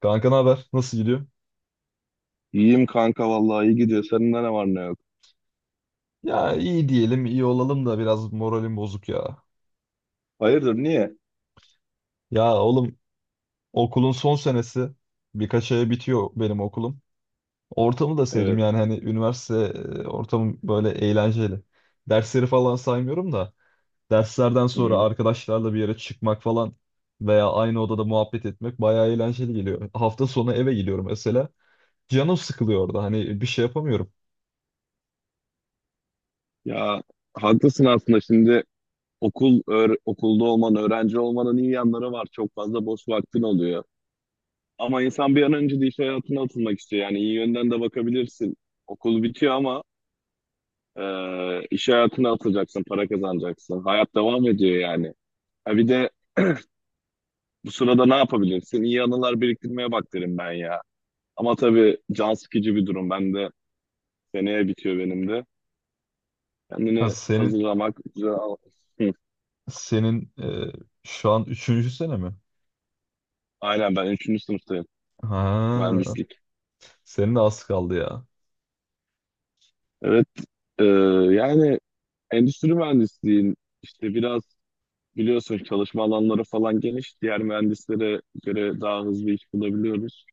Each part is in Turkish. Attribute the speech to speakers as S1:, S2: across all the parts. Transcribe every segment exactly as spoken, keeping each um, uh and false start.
S1: Kanka ne haber? Nasıl gidiyor?
S2: İyiyim kanka vallahi iyi gidiyor. Senin ne var ne yok.
S1: Ya iyi diyelim, iyi olalım da biraz moralim bozuk ya.
S2: Hayırdır niye?
S1: Ya oğlum, okulun son senesi, birkaç aya bitiyor benim okulum. Ortamı da sevdim
S2: Evet.
S1: yani hani üniversite e, ortamı böyle eğlenceli. Dersleri falan saymıyorum da derslerden sonra
S2: Hı.
S1: arkadaşlarla bir yere çıkmak falan veya aynı odada muhabbet etmek bayağı eğlenceli geliyor. Hafta sonu eve gidiyorum mesela. Canım sıkılıyor orada, hani bir şey yapamıyorum.
S2: Ya haklısın aslında şimdi okul öğ- okulda olman, öğrenci olmanın iyi yanları var. Çok fazla boş vaktin oluyor. Ama insan bir an önce de iş hayatına atılmak istiyor. Yani iyi yönden de bakabilirsin. Okul bitiyor ama e, iş hayatına atılacaksın, para kazanacaksın. Hayat devam ediyor yani. Ha bir de bu sırada ne yapabilirsin? İyi anılar biriktirmeye bak derim ben ya. Ama tabii can sıkıcı bir durum. Ben de seneye bitiyor benim de.
S1: Ha
S2: Kendini
S1: senin,
S2: hazırlamak, güzel al- Hı.
S1: senin e, şu an üçüncü sene mi?
S2: Aynen ben üçüncü sınıftayım.
S1: Ha,
S2: Mühendislik.
S1: senin de az kaldı ya.
S2: Evet. e, Yani endüstri mühendisliğin işte biraz biliyorsun çalışma alanları falan geniş. Diğer mühendislere göre daha hızlı iş bulabiliyoruz.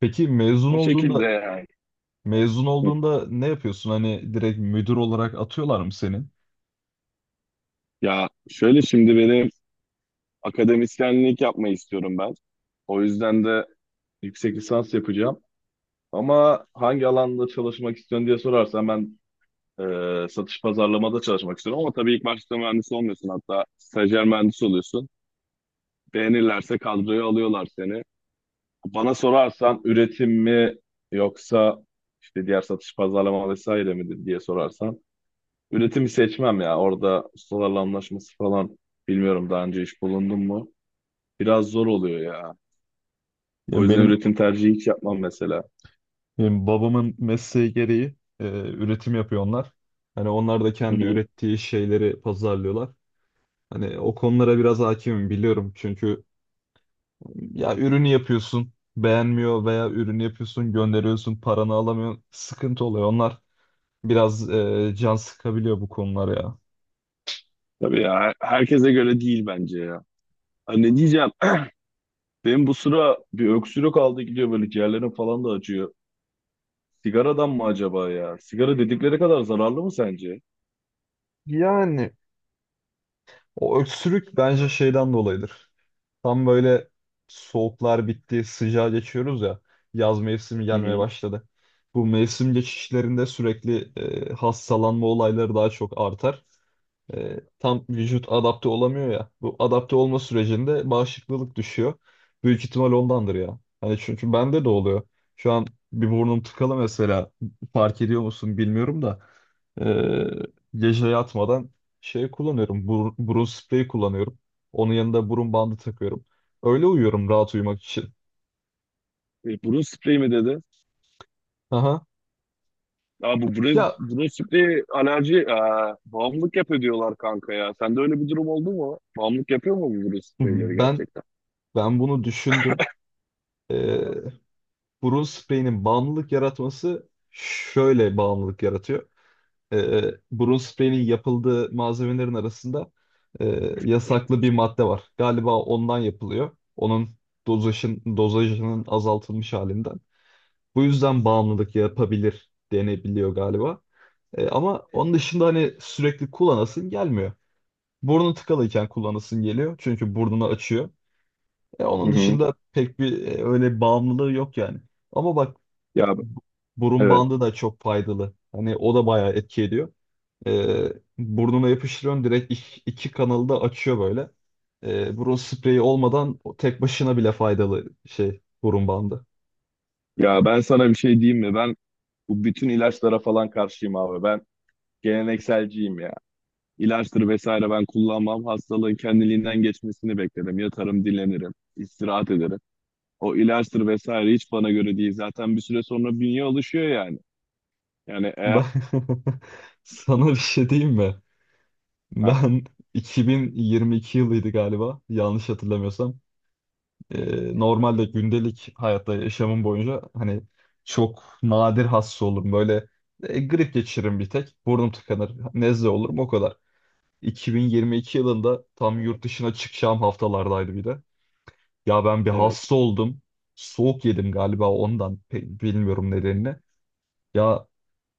S1: Peki mezun
S2: O şekilde
S1: olduğunda,
S2: yani.
S1: mezun
S2: Hı.
S1: olduğunda ne yapıyorsun? Hani direkt müdür olarak atıyorlar mı seni?
S2: Ya şöyle şimdi benim akademisyenlik yapmayı istiyorum ben. O yüzden de yüksek lisans yapacağım. Ama hangi alanda çalışmak istiyorsun diye sorarsan ben Ee, satış pazarlamada çalışmak istiyorum ama tabii ilk başta mühendis olmuyorsun hatta stajyer mühendis oluyorsun. Beğenirlerse kadroya alıyorlar seni. Bana sorarsan üretim mi yoksa işte diğer satış pazarlama vesaire mi diye sorarsan üretimi seçmem ya. Orada ustalarla anlaşması falan bilmiyorum daha önce iş bulundum mu? Biraz zor oluyor ya. O
S1: Yani
S2: yüzden
S1: benim,
S2: üretim tercihi hiç yapmam mesela.
S1: benim babamın mesleği gereği e, üretim yapıyor onlar. Hani onlar da
S2: Hı
S1: kendi
S2: hı.
S1: ürettiği şeyleri pazarlıyorlar. Hani o konulara biraz hakimim, biliyorum. Çünkü ya ürünü yapıyorsun beğenmiyor, veya ürünü yapıyorsun gönderiyorsun paranı alamıyorsun. Sıkıntı oluyor onlar. Biraz e, can sıkabiliyor bu konular ya.
S2: Tabii ya her- herkese göre değil bence ya. Hani ne diyeceğim? Benim bu sıra bir öksürük aldı gidiyor böyle ciğerlerim falan da acıyor. Sigaradan mı acaba ya? Sigara dedikleri kadar zararlı mı sence?
S1: Yani o öksürük bence şeyden dolayıdır. Tam böyle soğuklar bitti, sıcağa geçiyoruz ya. Yaz mevsimi
S2: Hı
S1: gelmeye
S2: hı.
S1: başladı. Bu mevsim geçişlerinde sürekli e, hastalanma olayları daha çok artar. E, tam vücut adapte olamıyor ya. Bu adapte olma sürecinde bağışıklılık düşüyor. Büyük ihtimal ondandır ya. Hani çünkü bende de oluyor. Şu an bir burnum tıkalı mesela. Fark ediyor musun bilmiyorum da. E, gece yatmadan şey kullanıyorum. Bur- burun spreyi kullanıyorum. Onun yanında burun bandı takıyorum. Öyle uyuyorum rahat uyumak için.
S2: E, burun spreyi mi dedi?
S1: Aha.
S2: Ya bu burun,
S1: Ya
S2: burun spreyi alerji, e, bağımlılık yapıyor diyorlar kanka ya. Sende öyle bir durum oldu mu? Bağımlılık yapıyor mu bu burun spreyleri
S1: ben
S2: gerçekten?
S1: ben bunu düşündüm. E, burun spreyinin bağımlılık yaratması şöyle: bağımlılık yaratıyor. e, Burun spreyinin yapıldığı malzemelerin arasında e, yasaklı bir madde var. Galiba ondan yapılıyor. Onun dozajın, dozajının azaltılmış halinden. Bu yüzden bağımlılık yapabilir denebiliyor galiba. E, ama onun dışında hani sürekli kullanasın gelmiyor. Burnu tıkalıyken kullanasın geliyor. Çünkü burnunu açıyor. E,
S2: Hı
S1: onun
S2: hı.
S1: dışında pek bir e, öyle bağımlılığı yok yani. Ama bak,
S2: Ya
S1: bu- burun
S2: evet.
S1: bandı da çok faydalı. Hani o da bayağı etki ediyor. Ee, burnuna yapıştırıyorsun, direkt iş- iki kanalı da açıyor böyle. Ee, burun spreyi olmadan o tek başına bile faydalı şey burun bandı.
S2: Ya ben sana bir şey diyeyim mi? Ben bu bütün ilaçlara falan karşıyım abi. Ben gelenekselciyim ya. İlaçtır vesaire ben kullanmam. Hastalığın kendiliğinden geçmesini beklerim. Yatarım, dinlenirim, istirahat ederim. O ilaçtır vesaire hiç bana göre değil. Zaten bir süre sonra bünye alışıyor yani. Yani eğer...
S1: Ben sana bir şey diyeyim mi?
S2: Ha,
S1: Ben iki bin yirmi iki yılıydı galiba, yanlış hatırlamıyorsam. Ee, normalde gündelik hayatta yaşamım boyunca hani çok nadir hasta olurum. Böyle e, grip geçiririm bir tek. Burnum tıkanır. Nezle olurum, o kadar. iki bin yirmi iki yılında tam yurt dışına çıkacağım haftalardaydı bir de. Ya ben bir
S2: evet.
S1: hasta oldum. Soğuk yedim galiba ondan. Pe- bilmiyorum nedenini. Ya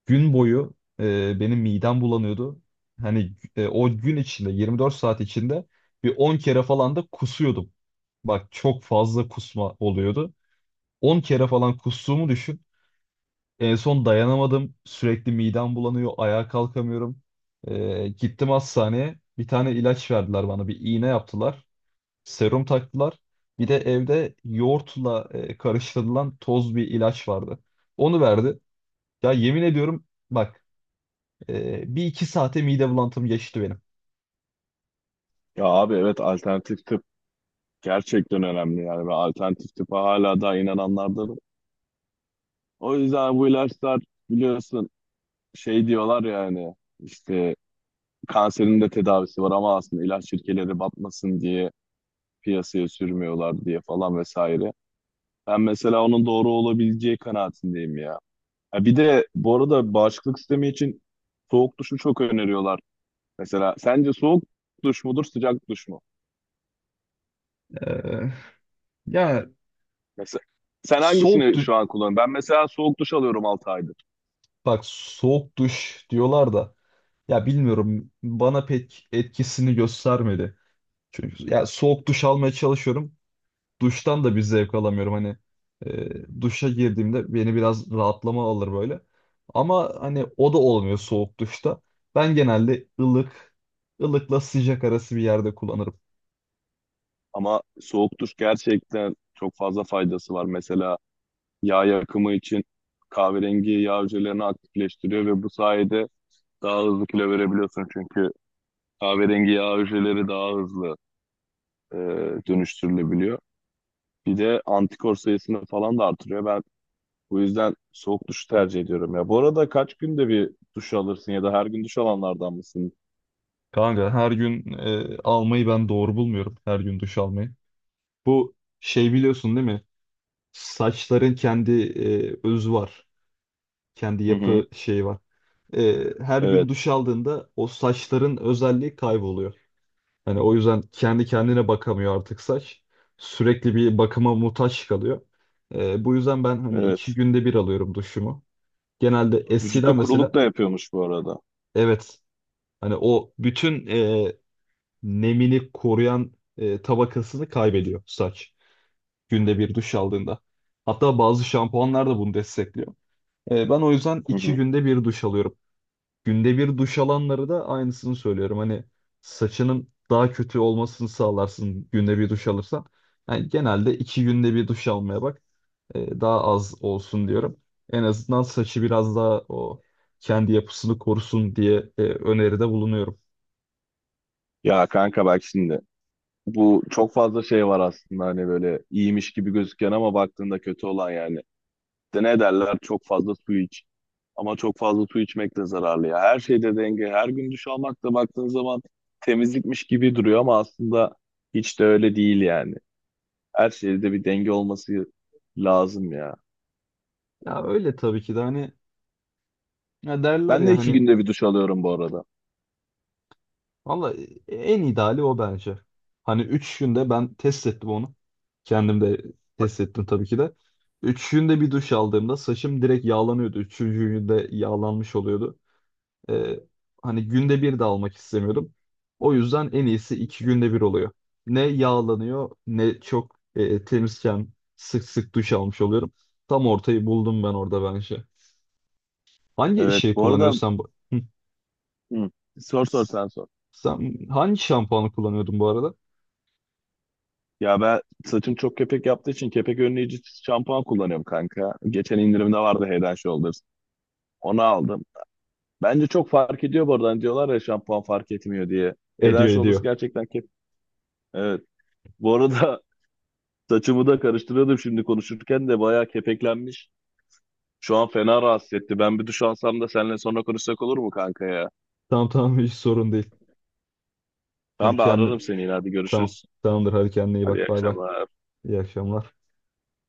S1: gün boyu e, benim midem bulanıyordu. Hani e, o gün içinde yirmi dört saat içinde bir on kere falan da kusuyordum. Bak çok fazla kusma oluyordu. on kere falan kustuğumu düşün. En son dayanamadım. Sürekli midem bulanıyor, ayağa kalkamıyorum. E, gittim hastaneye. Bir tane ilaç verdiler bana. Bir iğne yaptılar. Serum taktılar. Bir de evde yoğurtla e, karıştırılan toz bir ilaç vardı. Onu verdi. Ya yemin ediyorum, bak, e, bir iki saate mide bulantım geçti benim.
S2: Ya abi evet alternatif tıp gerçekten önemli yani. Ve alternatif tıpa hala daha inananlardanım. O yüzden bu ilaçlar biliyorsun şey diyorlar yani işte kanserin de tedavisi var ama aslında ilaç şirketleri batmasın diye piyasaya sürmüyorlar diye falan vesaire. Ben mesela onun doğru olabileceği kanaatindeyim ya. Ha bir de bu arada bağışıklık sistemi için soğuk duşu çok öneriyorlar. Mesela sence soğuk duş mudur, sıcak duş mu?
S1: Ee, ya
S2: Mesela sen
S1: soğuk
S2: hangisini
S1: duş
S2: şu an kullanıyorsun? Ben mesela soğuk duş alıyorum altı aydır.
S1: bak, soğuk duş diyorlar da, ya bilmiyorum, bana pek etkisini göstermedi. Çünkü ya soğuk duş almaya çalışıyorum, duştan da bir zevk alamıyorum. Hani e, duşa girdiğimde beni biraz rahatlama alır böyle. Ama hani o da olmuyor soğuk duşta. Ben genelde ılık, ılıkla sıcak arası bir yerde kullanırım.
S2: Ama soğuk duş gerçekten çok fazla faydası var. Mesela yağ yakımı için kahverengi yağ hücrelerini aktifleştiriyor ve bu sayede daha hızlı kilo verebiliyorsun çünkü kahverengi yağ hücreleri daha hızlı e, dönüştürülebiliyor. Bir de antikor sayısını falan da artırıyor. Ben bu yüzden soğuk duş tercih ediyorum ya. Bu arada kaç günde bir duş alırsın ya da her gün duş alanlardan mısın?
S1: Kanka her gün e, almayı ben doğru bulmuyorum. Her gün duş almayı. Bu şey, biliyorsun değil mi? Saçların kendi e, özü var. Kendi
S2: Hı hı.
S1: yapı şeyi var. E, her gün
S2: Evet,
S1: duş aldığında o saçların özelliği kayboluyor. Hani o yüzden kendi kendine bakamıyor artık saç. Sürekli bir bakıma muhtaç kalıyor. Ee, bu yüzden ben hani iki
S2: evet.
S1: günde bir alıyorum duşumu. Genelde
S2: Vücutta
S1: eskiden
S2: kuruluk
S1: mesela
S2: da yapıyormuş bu arada.
S1: evet, hani o bütün e, nemini koruyan e, tabakasını kaybediyor saç. Günde bir duş aldığında. Hatta bazı şampuanlar da bunu destekliyor. Ee, ben o yüzden
S2: Hı
S1: iki
S2: hı.
S1: günde bir duş alıyorum. Günde bir duş alanları da aynısını söylüyorum. Hani saçının daha kötü olmasını sağlarsın günde bir duş alırsan. Yani genelde iki günde bir duş almaya bak. Ee, daha az olsun diyorum. En azından saçı biraz daha o kendi yapısını korusun diye e, öneride bulunuyorum.
S2: Ya kanka bak şimdi. Bu çok fazla şey var aslında hani böyle iyiymiş gibi gözüken ama baktığında kötü olan yani. De ne derler çok fazla su iç. Ama çok fazla su içmek de zararlı ya. Her şeyde denge. Her gün duş almak da baktığın zaman temizlikmiş gibi duruyor ama aslında hiç de öyle değil yani. Her şeyde bir denge olması lazım ya.
S1: Ya öyle tabii ki de, hani ya derler
S2: Ben de
S1: ya
S2: iki
S1: hani,
S2: günde bir duş alıyorum bu arada.
S1: valla en ideali o bence. Hani üç günde ben test ettim onu. Kendim de test ettim tabii ki de. Üç günde bir duş aldığımda saçım direkt yağlanıyordu. Üçüncü günde yağlanmış oluyordu. Ee, hani günde bir de almak istemiyordum. O yüzden en iyisi iki günde bir oluyor. Ne yağlanıyor ne çok e, temizken sık sık duş almış oluyorum. Tam ortayı buldum ben orada bence. Hangi
S2: Evet
S1: şey
S2: bu arada
S1: kullanıyorsan bu? Hı.
S2: hı, sor sor sen sor.
S1: Sen hangi şampuanı kullanıyordun bu arada?
S2: Ya ben saçım çok kepek yaptığı için kepek önleyici şampuan kullanıyorum kanka. Geçen indirimde vardı Head and Shoulders. Onu aldım. Bence çok fark ediyor bu arada. Hani diyorlar ya şampuan fark etmiyor diye. Head and
S1: Ediyor,
S2: Shoulders
S1: ediyor.
S2: gerçekten kep... Evet. Bu arada saçımı da karıştırıyordum şimdi konuşurken de bayağı kepeklenmiş. Şu an fena rahatsız etti. Ben bir duş alsam da seninle sonra konuşsak olur mu kanka ya?
S1: Tamam, tamam, hiç sorun değil. Hadi
S2: Tamam ben ararım
S1: kendin.
S2: seni yine hadi
S1: Tamam.
S2: görüşürüz.
S1: Tamamdır, hadi kendine iyi
S2: Hadi iyi
S1: bak. Bay bay.
S2: akşamlar.
S1: İyi akşamlar.